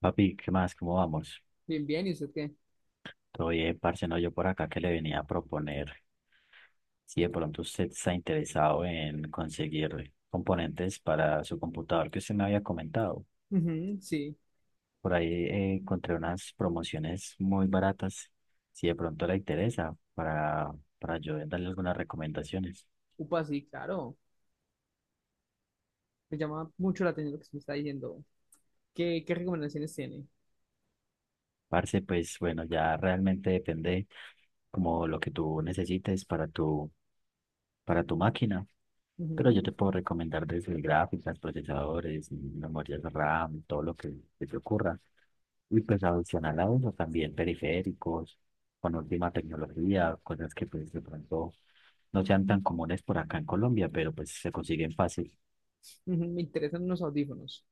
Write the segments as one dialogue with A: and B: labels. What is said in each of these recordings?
A: Papi, ¿qué más? ¿Cómo vamos?
B: Bien, bien, ¿y usted qué?
A: Todo bien, parce, no, yo por acá que le venía a proponer si de pronto usted está interesado en conseguir componentes para su computador que usted me había comentado.
B: Ujú, sí.
A: Por ahí encontré unas promociones muy baratas, si de pronto le interesa, para yo darle algunas recomendaciones.
B: Upa, sí, claro. Me llama mucho la atención lo que se me está diciendo. ¿Qué recomendaciones tiene?
A: Parce, pues bueno, ya realmente depende como lo que tú necesites para tu máquina, pero yo
B: Ujú,
A: te puedo recomendar desde gráficas, procesadores, memorias RAM, todo lo que se te ocurra. Y pues adicional a eso también periféricos, con última tecnología, cosas que pues de pronto no sean tan comunes por acá en Colombia, pero pues se consiguen fácil.
B: ujú, me interesan unos audífonos.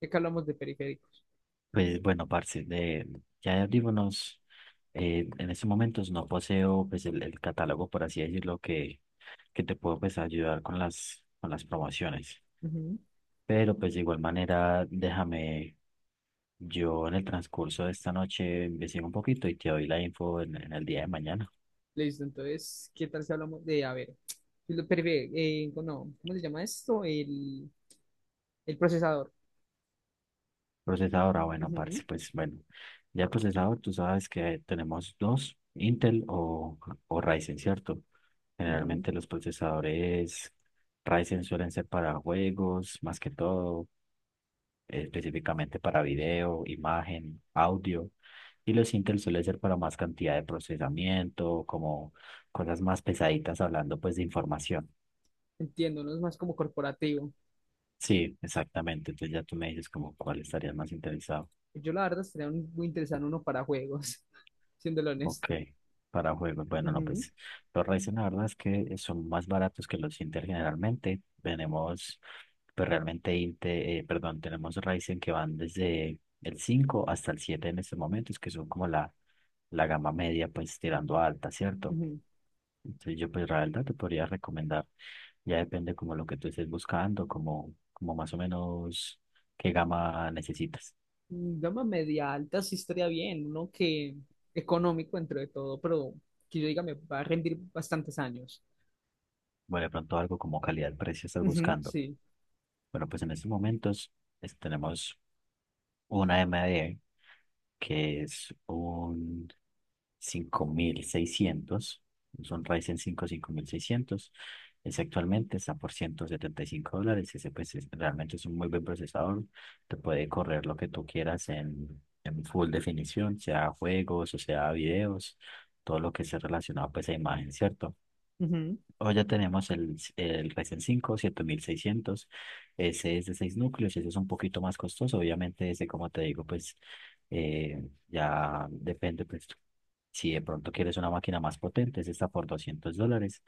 B: Ya que hablamos de periféricos.
A: Pues bueno, parce, ya de audífonos, en estos momentos no poseo pues el catálogo, por así decirlo, que te puedo pues ayudar con con las promociones.
B: Ujú,
A: Pero pues de igual manera, déjame, yo en el transcurso de esta noche investigo un poquito y te doy la info en el día de mañana.
B: listo. Entonces, ¿qué tal si hablamos de, a ver, el perife- no, ¿cómo se llama esto? El procesador.
A: Procesador, ah, bueno,
B: Ujú,
A: parce, pues bueno, ya el procesador, tú sabes que tenemos dos, Intel o Ryzen, ¿cierto?
B: ujú.
A: Generalmente los procesadores Ryzen suelen ser para juegos, más que todo, específicamente para video, imagen, audio. Y los Intel suelen ser para más cantidad de procesamiento, como cosas más pesaditas hablando pues de información.
B: Entiendo, no es más como corporativo.
A: Sí, exactamente. Entonces ya tú me dices como cuál estarías más interesado.
B: Yo la verdad estaría muy interesante uno para juegos, siéndolo
A: Ok,
B: honesto.
A: para juegos. Bueno, no,
B: Ujú,
A: pues los Ryzen la verdad es que son más baratos que los Intel generalmente. Tenemos, pues realmente perdón, tenemos Ryzen que van desde el 5 hasta el 7 en estos momentos, que son como la gama media, pues tirando a alta, ¿cierto?
B: ujú.
A: Entonces yo pues la verdad te podría recomendar, ya depende como lo que tú estés buscando, como más o menos qué gama necesitas.
B: Gama media alta sí estaría bien, uno que económico entre de todo, pero que yo diga me va a rendir bastantes años.
A: Bueno, de pronto algo como calidad-precio estás
B: Ujú,
A: buscando.
B: sí.
A: Bueno, pues en estos momentos tenemos una M D que es un 5600, es un Ryzen cinco cinco mil seiscientos. Ese actualmente está por 175 dólares. Ese pues realmente es un muy buen procesador. Te puede correr lo que tú quieras en full definición, sea juegos o sea videos, todo lo que sea relacionado pues a imagen, ¿cierto?
B: Ujú,
A: Hoy ya tenemos el Ryzen cinco siete mil seiscientos. Ese es de 6 núcleos, ese es un poquito más costoso, obviamente ese, como te digo, pues ya depende, pues si de pronto quieres una máquina más potente, ese está por 200 dólares,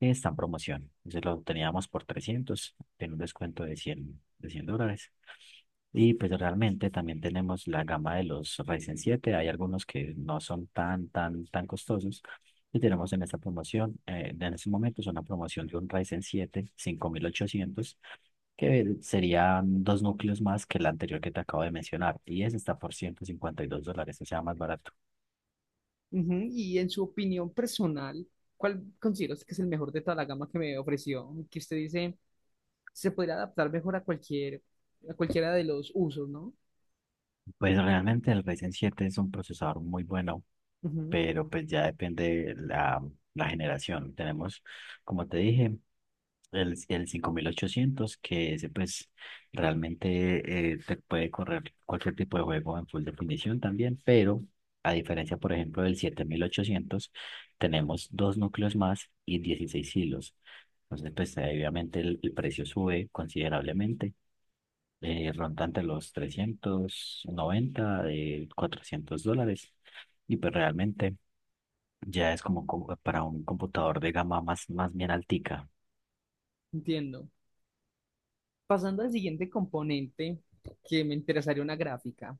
A: está en promoción, ese lo teníamos por trescientos, tiene un descuento de 100 dólares, y pues realmente también tenemos la gama de los Ryzen 7. Hay algunos que no son tan costosos. Y tenemos en esta promoción, en este momento es una promoción de un Ryzen 7 5800, que serían dos núcleos más que el anterior que te acabo de mencionar. Y ese está por 152 dólares, o sea, más barato.
B: ujú. Y en su opinión personal, ¿cuál considera usted que es el mejor de toda la gama que me ofreció? Que usted dice se podría adaptar mejor a a cualquiera de los usos, ¿no?
A: Pues realmente el Ryzen 7 es un procesador muy bueno,
B: Ujú,
A: pero pues ya depende la generación. Tenemos, como te dije, el cinco mil ochocientos, que ese pues realmente te puede correr cualquier tipo de juego en full definición también, pero a diferencia, por ejemplo, del siete mil ochocientos, tenemos dos núcleos más y 16 hilos. Entonces, pues obviamente el precio sube considerablemente, ronda entre los 390, de 400 dólares. Y pues realmente ya es como para un computador de gama más, más bien altica.
B: entiendo. Pasando al siguiente componente, que me interesaría una gráfica.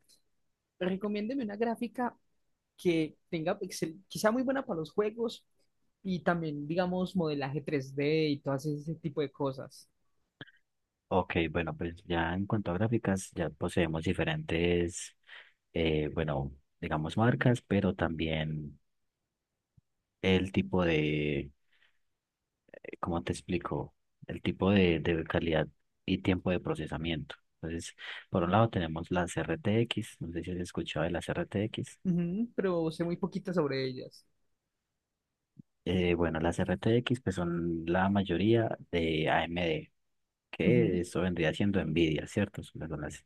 B: Recomiéndeme una gráfica que que sea muy buena para los juegos y también, digamos, modelaje 3D y todo ese tipo de cosas.
A: Ok, bueno, pues ya en cuanto a gráficas, ya poseemos diferentes, bueno, digamos marcas, pero también el tipo de, ¿cómo te explico? El tipo de calidad y tiempo de procesamiento. Entonces, por un lado tenemos las RTX, no sé si has escuchado de las RTX.
B: Ujú, pero sé muy poquita sobre ellas.
A: Bueno, las RTX pues son la mayoría de AMD,
B: Ujú,
A: que eso vendría siendo NVIDIA, ¿cierto? Son las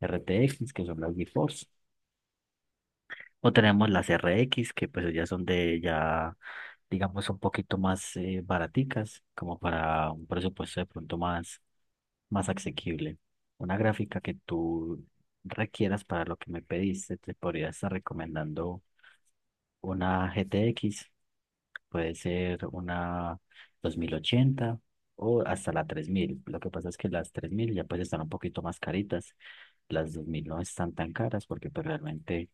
A: RTX, que son las GeForce. O tenemos las RX, que pues ya son de ya, digamos, un poquito más baraticas, como para un presupuesto de pronto más, más asequible. Una gráfica que tú requieras para lo que me pediste, te podría estar recomendando una GTX. Puede ser una 2080 o hasta la tres mil. Lo que pasa es que las 3000 ya pues están un poquito más caritas. Las 2000 no están tan caras porque pues realmente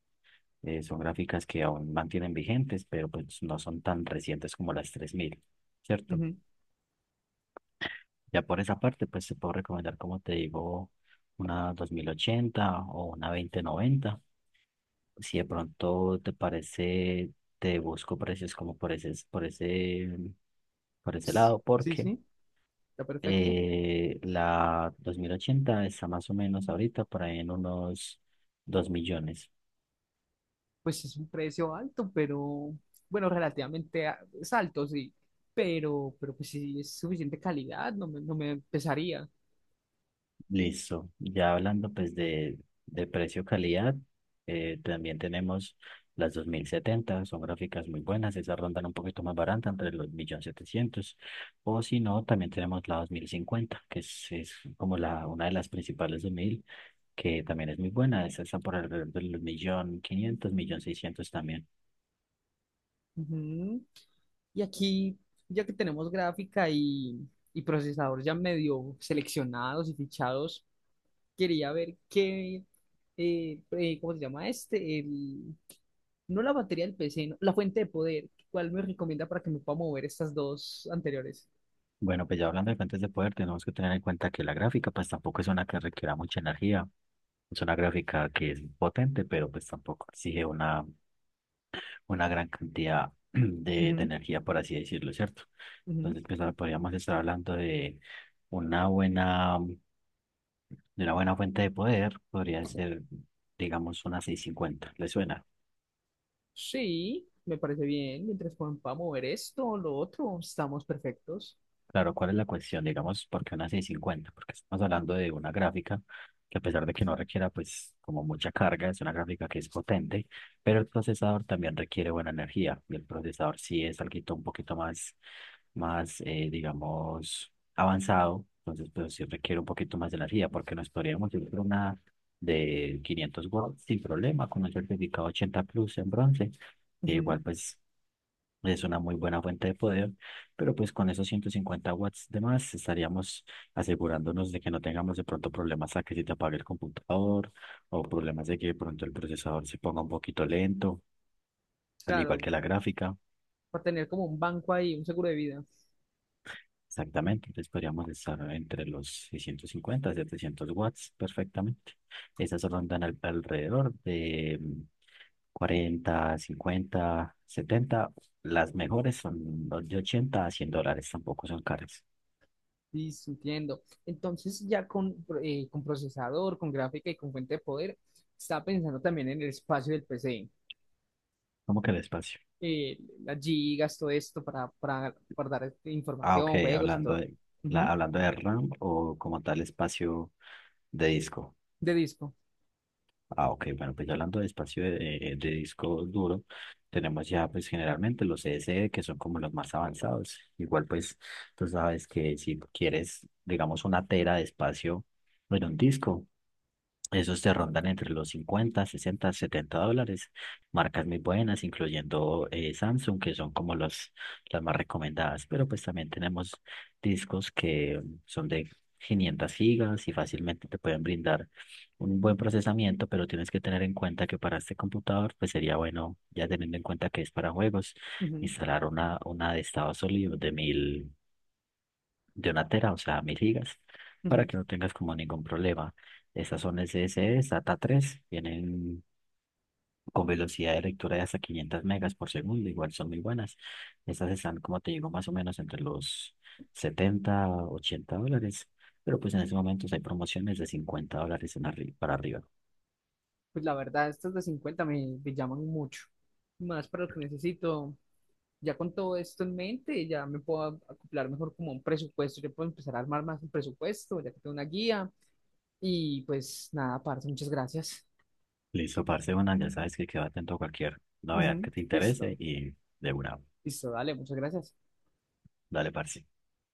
A: son gráficas que aún mantienen vigentes, pero pues no son tan recientes como las 3000, ¿cierto?
B: ujú.
A: Ya por esa parte pues te puedo recomendar, como te digo, una 2080 o una dos mil noventa. Si de pronto te parece, te busco precios como por ese, por ese por ese lado
B: Sí,
A: porque...
B: sí, está perfecto.
A: La 2080 está más o menos ahorita por ahí en unos 2 millones.
B: Pues es un precio alto, pero bueno, relativamente es alto, sí. Pero pues sí, es suficiente calidad, no me pesaría.
A: Listo. Ya hablando pues de precio-calidad, también tenemos las dos mil setenta, son gráficas muy buenas, esas rondan un poquito más barata, entre los 1.700.000. O si no, también tenemos la dos mil cincuenta, que es como una de las principales de mil, que también es muy buena, esa está por alrededor de los 1.500.000, 1.600.000 también.
B: Ujú. Y aquí, ya que tenemos gráfica y procesador ya medio seleccionados y fichados, quería ver qué, ¿cómo se llama este? No la batería del PC, no, la fuente de poder. ¿Cuál me recomienda para que me pueda mover estas dos anteriores?
A: Bueno, pues ya hablando de fuentes de poder, tenemos que tener en cuenta que la gráfica pues tampoco es una que requiera mucha energía. Es una gráfica que es potente, pero pues tampoco exige una gran cantidad de
B: Ujú,
A: energía, por así decirlo, ¿cierto?
B: ujú.
A: Entonces, pues ahora podríamos estar hablando de una buena, de una buena fuente de poder, podría ser, digamos, una 650. ¿Le suena?
B: Sí, me parece bien. Mientras pueda mover esto o lo otro, estamos perfectos.
A: Claro, ¿cuál es la cuestión? Digamos, ¿por qué una 650? Porque estamos hablando de una gráfica que, a pesar de que no requiera pues como mucha carga, es una gráfica que es potente, pero el procesador también requiere buena energía y el procesador sí es algo un poquito más, más digamos, avanzado, entonces pues sí requiere un poquito más de energía, porque nos podríamos ir por una de 500 watts sin problema con un certificado 80 Plus en bronce, que
B: Ujú.
A: igual pues es una muy buena fuente de poder, pero pues con esos 150 watts de más estaríamos asegurándonos de que no tengamos de pronto problemas a que se te apague el computador o problemas de que de pronto el procesador se ponga un poquito lento, al igual
B: Claro,
A: que la gráfica.
B: para tener como un banco ahí, un seguro de vida.
A: Exactamente, entonces podríamos estar entre los 650 y 700 watts perfectamente. Esas rondan alrededor de 40, 50, 70. Las mejores son los de 80 a 100 dólares, tampoco son caras.
B: Sí, sí, entiendo. Entonces, ya con procesador, con gráfica y con fuente de poder, estaba pensando también en el espacio del PC,
A: ¿Cómo que el espacio?
B: eh, las gigas, todo esto para guardar este,
A: Ah, ok,
B: información, juegos y
A: hablando
B: todo. Ujú.
A: hablando de RAM o como tal espacio de disco.
B: De disco.
A: Ah, ok, bueno, pues hablando de espacio de disco duro, tenemos ya pues generalmente los SSD, que son como los más avanzados. Igual pues tú sabes que si quieres, digamos, una tera de espacio en un disco, esos te rondan entre los 50, 60, 70 dólares. Marcas muy buenas, incluyendo Samsung, que son como las más recomendadas. Pero pues también tenemos discos que son de 500 gigas y fácilmente te pueden brindar un buen procesamiento, pero tienes que tener en cuenta que para este computador, pues sería bueno, ya teniendo en cuenta que es para juegos,
B: Ujú,
A: instalar una de estado sólido de mil, de una tera, o sea, mil gigas, para
B: ujú.
A: que no tengas como ningún problema. Estas son SSD, SATA 3, vienen con velocidad de lectura de hasta 500 megas por segundo, igual son muy buenas. Estas están, como te digo, más o menos entre los 70 80 dólares, pero pues en estos momentos hay promociones de 50 dólares en para arriba.
B: Pues la verdad, estas de 50 me llaman mucho. Más para lo que necesito. Ya con todo esto en mente, ya me puedo acoplar mejor como a un presupuesto. Yo puedo empezar a armar más un presupuesto, ya que tengo una guía. Y pues nada, parce, muchas gracias.
A: Listo, parce, bueno, ya sabes que quedo atento a cualquier novedad
B: Ujú,
A: que te interese
B: listo,
A: y de una,
B: listo, dale, muchas gracias.
A: dale, parce.